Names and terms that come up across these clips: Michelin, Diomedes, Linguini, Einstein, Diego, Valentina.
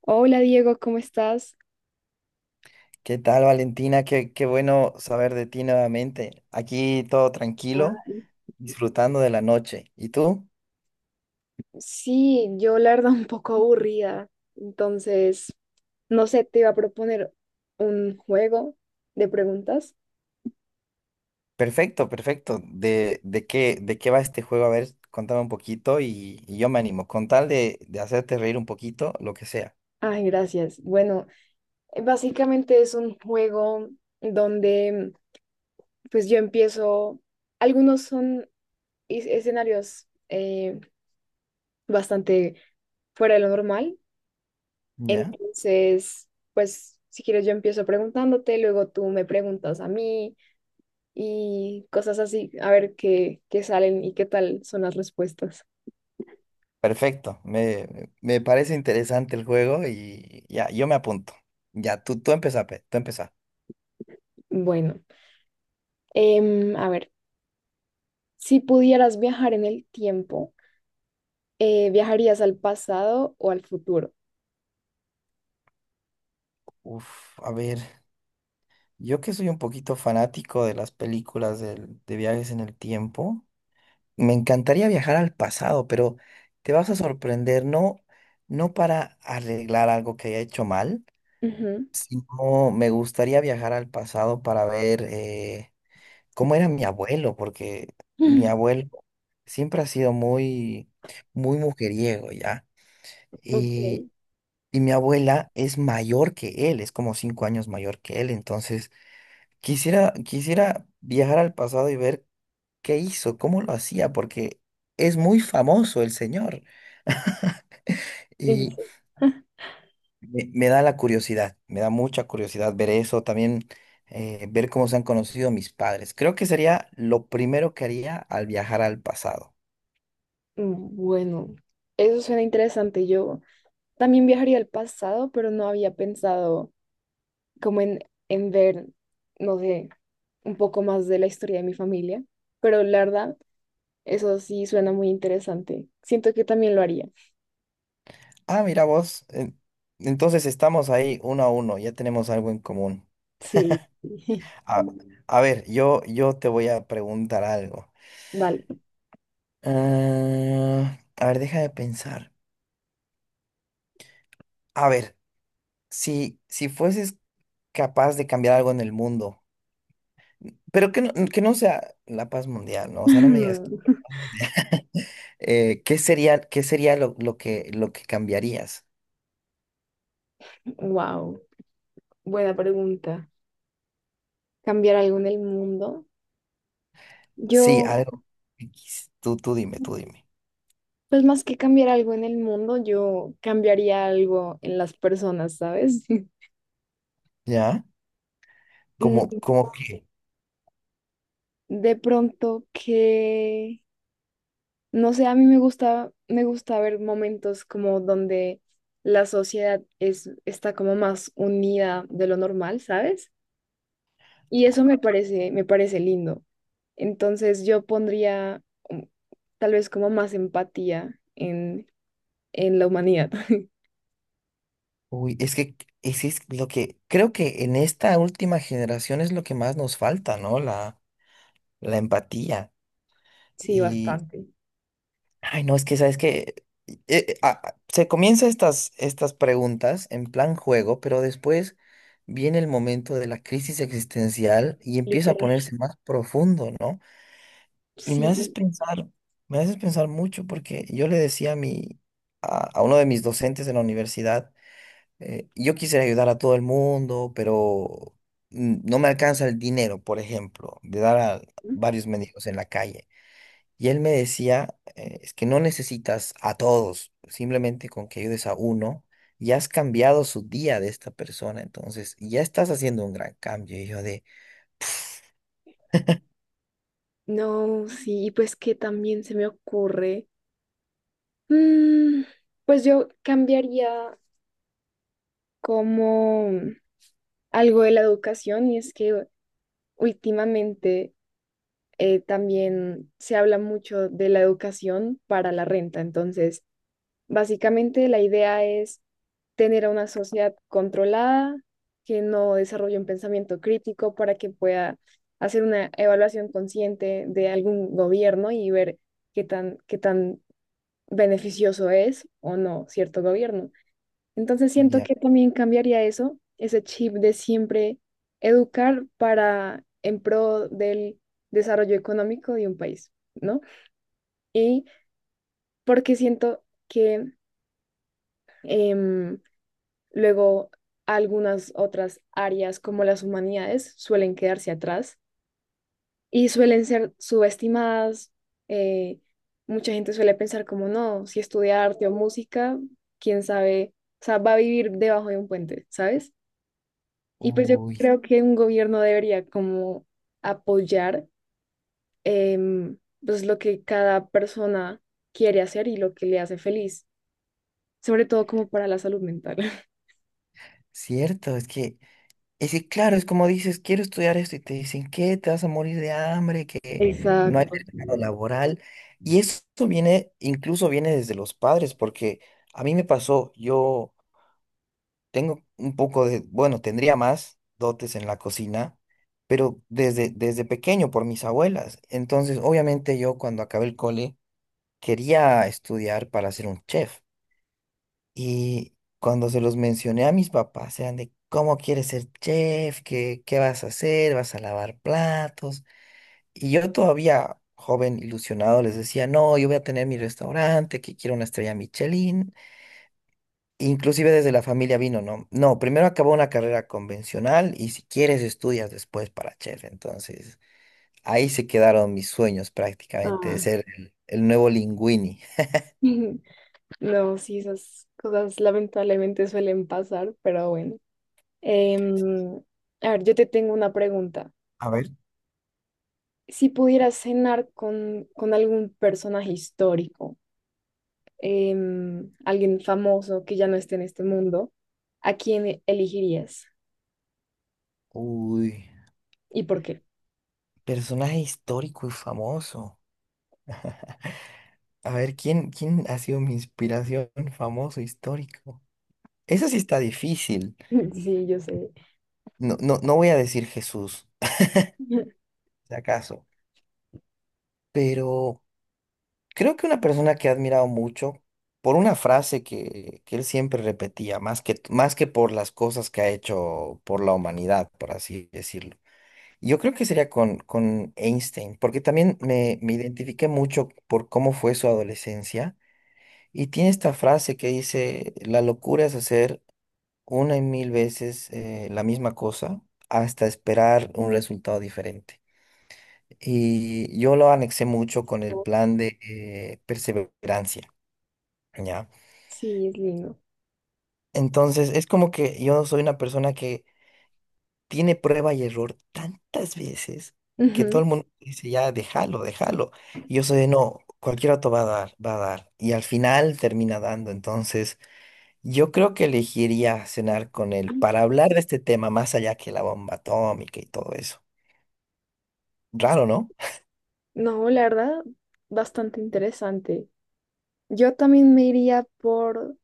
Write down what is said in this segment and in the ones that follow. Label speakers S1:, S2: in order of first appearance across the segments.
S1: Hola Diego, ¿cómo estás?
S2: ¿Qué tal, Valentina? Qué bueno saber de ti nuevamente. Aquí todo tranquilo,
S1: Guay.
S2: disfrutando de la noche. ¿Y tú?
S1: Sí, yo la verdad un poco aburrida, entonces, no sé, te iba a proponer un juego de preguntas.
S2: Perfecto, perfecto. ¿De qué va este juego? A ver, contame un poquito y yo me animo. Con tal de hacerte reír un poquito, lo que sea.
S1: Ay, gracias. Bueno, básicamente es un juego donde pues yo empiezo, algunos son escenarios bastante fuera de lo normal,
S2: ¿Ya?
S1: entonces, pues si quieres yo empiezo preguntándote, luego tú me preguntas a mí. Y cosas así, a ver qué, qué salen y qué tal son las respuestas.
S2: Perfecto. Me parece interesante el juego y ya, yo me apunto. Ya, tú empezá, pe, tú empezá.
S1: Bueno, a ver, si pudieras viajar en el tiempo, ¿viajarías al pasado o al futuro?
S2: Uf, a ver, yo que soy un poquito fanático de las películas de viajes en el tiempo. Me encantaría viajar al pasado, pero te vas a sorprender, no, no para arreglar algo que haya hecho mal,
S1: Ujú.
S2: sino me gustaría viajar al pasado para ver cómo era mi abuelo, porque mi abuelo siempre ha sido muy, muy mujeriego, ¿ya?
S1: Ok,
S2: Y, y mi abuela es mayor que él, es como cinco años mayor que él, entonces quisiera viajar al pasado y ver. ¿Qué hizo? ¿Cómo lo hacía? Porque es muy famoso el señor
S1: en
S2: y
S1: serio.
S2: me da la curiosidad, me da mucha curiosidad ver eso, también ver cómo se han conocido mis padres. Creo que sería lo primero que haría al viajar al pasado.
S1: Bueno, eso suena interesante. Yo también viajaría al pasado, pero no había pensado como en ver, no sé, un poco más de la historia de mi familia. Pero la verdad, eso sí suena muy interesante. Siento que también lo haría.
S2: Ah, mira vos, entonces estamos ahí uno a uno, ya tenemos algo en común.
S1: Sí,
S2: A, a ver, yo te voy a preguntar algo.
S1: vale.
S2: Ah, a ver, deja de pensar. A ver, si fueses capaz de cambiar algo en el mundo, pero que no sea la paz mundial, ¿no? O sea, no me digas. Qué sería lo que cambiarías?
S1: Wow, buena pregunta. ¿Cambiar algo en el mundo?
S2: Sí,
S1: Yo,
S2: algo. X. Tú dime, tú dime.
S1: pues más que cambiar algo en el mundo, yo cambiaría algo en las personas, ¿sabes?
S2: ¿Ya? Como,
S1: Mm,
S2: como que.
S1: de pronto que, no sé, a mí me gusta ver momentos como donde la sociedad es, está como más unida de lo normal, ¿sabes? Y eso me parece lindo. Entonces yo pondría, mm, tal vez como más empatía en la humanidad.
S2: Uy, es que es lo que. Creo que en esta última generación es lo que más nos falta, ¿no? La empatía.
S1: Sí,
S2: Y
S1: bastante,
S2: ay, no, es que sabes que se comienza estas preguntas en plan juego, pero después viene el momento de la crisis existencial y empieza a
S1: literal.
S2: ponerse más profundo, ¿no? Y
S1: Sí,
S2: me haces pensar mucho porque yo le decía a uno de mis docentes en la universidad, yo quisiera ayudar a todo el mundo, pero no me alcanza el dinero, por ejemplo, de dar a varios mendigos en la calle. Y él me decía, es que no necesitas a todos, simplemente con que ayudes a uno, ya has cambiado su día de esta persona, entonces ya estás haciendo un gran cambio. Y yo de,
S1: no, sí, pues que también se me ocurre. Mm, pues yo cambiaría como algo de la educación, y es que últimamente también se habla mucho de la educación para la renta. Entonces básicamente la idea es tener a una sociedad controlada, que no desarrolle un pensamiento crítico para que pueda hacer una evaluación consciente de algún gobierno y ver qué tan beneficioso es o no cierto gobierno. Entonces siento
S2: ya,
S1: que también cambiaría eso, ese chip de siempre educar para en pro del desarrollo económico de un país, ¿no? Y porque siento que... em, luego, algunas otras áreas como las humanidades suelen quedarse atrás y suelen ser subestimadas. eh, mucha gente suele pensar como, no, si estudia arte o música, quién sabe, o sea, va a vivir debajo de un puente, ¿sabes? Y pues yo
S2: uy,
S1: creo que un gobierno debería como apoyar, em, pues lo que cada persona quiere hacer y lo que le hace feliz, sobre todo como para la salud mental.
S2: cierto, es que claro, es como dices, quiero estudiar esto y te dicen, ¿qué? Te vas a morir de hambre, que no hay
S1: Exacto.
S2: mercado laboral. Y eso viene, incluso viene desde los padres, porque a mí me pasó, yo... Tengo un poco de, bueno, tendría más dotes en la cocina, pero desde pequeño por mis abuelas. Entonces, obviamente yo cuando acabé el cole quería estudiar para ser un chef. Y cuando se los mencioné a mis papás, eran de, ¿cómo quieres ser chef? ¿Qué vas a hacer? ¿Vas a lavar platos? Y yo todavía, joven, ilusionado, les decía, no, yo voy a tener mi restaurante, que quiero una estrella Michelin. Inclusive desde la familia vino, ¿no? No, primero acabó una carrera convencional y si quieres estudias después para chef. Entonces, ahí se quedaron mis sueños prácticamente de
S1: Ah.
S2: ser el nuevo Linguini.
S1: No, sí, esas cosas lamentablemente suelen pasar, pero bueno. Em, a ver, yo te tengo una pregunta.
S2: A ver.
S1: Si pudieras cenar con algún personaje histórico, alguien famoso que ya no esté en este mundo, ¿a quién elegirías?
S2: Uy,
S1: ¿Y por qué?
S2: personaje histórico y famoso. A ver, ¿quién ha sido mi inspiración famoso histórico? Eso sí está difícil.
S1: Sí, yo sé.
S2: No, no, no voy a decir Jesús, si acaso, pero... Creo que una persona que he admirado mucho por una frase que él siempre repetía, más que por las cosas que ha hecho por la humanidad, por así decirlo. Yo creo que sería con Einstein, porque también me identifiqué mucho por cómo fue su adolescencia. Y tiene esta frase que dice, la locura es hacer una y mil veces la misma cosa hasta esperar un resultado diferente. Y yo lo anexé mucho con el plan de perseverancia. ¿Ya?
S1: Sí, es lindo.
S2: Entonces, es como que yo soy una persona que tiene prueba y error tantas veces que todo
S1: Ujú.
S2: el mundo dice, ya, déjalo, déjalo. Y yo soy de, no, cualquier auto va a dar, va a dar. Y al final termina dando. Entonces, yo creo que elegiría cenar con él para hablar de este tema más allá que la bomba atómica y todo eso. Raro, ¿no?
S1: No, la verdad, bastante interesante. Yo también me iría por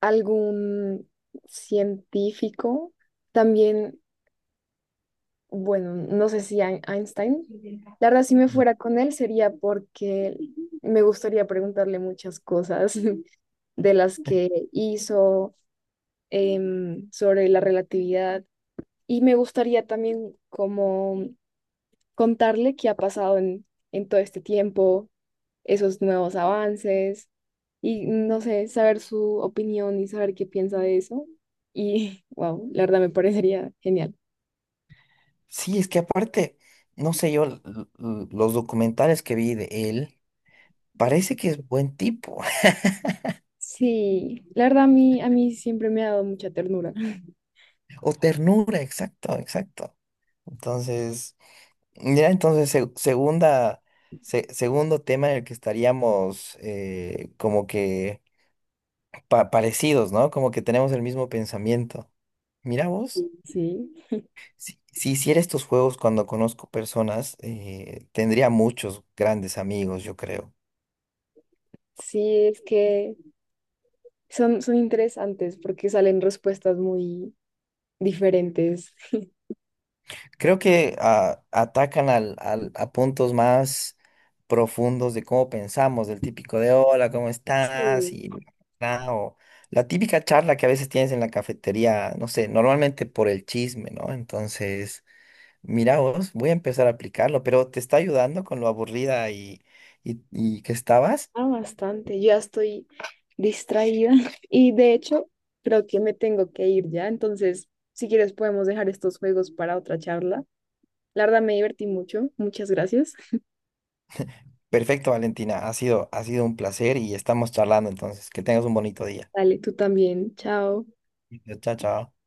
S1: algún científico, también, bueno, no sé si Einstein. La verdad, si me
S2: Ya.
S1: fuera con él sería porque me gustaría preguntarle muchas cosas de las que hizo, sobre la relatividad, y me gustaría también como contarle qué ha pasado en todo este tiempo, esos nuevos avances, y no sé, saber su opinión y saber qué piensa de eso. Y wow, la verdad me parecería genial.
S2: Sí, es que aparte, no sé yo, los documentales que vi de él, parece que es buen tipo.
S1: Sí, la verdad a mí siempre me ha dado mucha ternura.
S2: O ternura, exacto, exacto. Entonces, ya entonces, segunda, segundo tema en el que estaríamos como que parecidos, ¿no? Como que tenemos el mismo pensamiento. Mira vos,
S1: Sí,
S2: si hiciera estos juegos cuando conozco personas, tendría muchos grandes amigos, yo creo.
S1: sí, es que son, son interesantes porque salen respuestas muy diferentes.
S2: Creo que atacan al, a puntos más profundos de cómo pensamos, del típico de hola, ¿cómo estás?
S1: Sí,
S2: Y bla, o la típica charla que a veces tienes en la cafetería, no sé, normalmente por el chisme, ¿no? Entonces, mira vos, voy a empezar a aplicarlo, pero ¿te está ayudando con lo aburrida y que estabas?
S1: ah, bastante. Yo ya estoy distraída y de hecho creo que me tengo que ir ya. Entonces, si quieres podemos dejar estos juegos para otra charla. La verdad me divertí mucho. Muchas gracias.
S2: Perfecto, Valentina, ha sido un placer y estamos charlando, entonces, que tengas un bonito día.
S1: Dale, tú también. Chao.
S2: Chao, chao.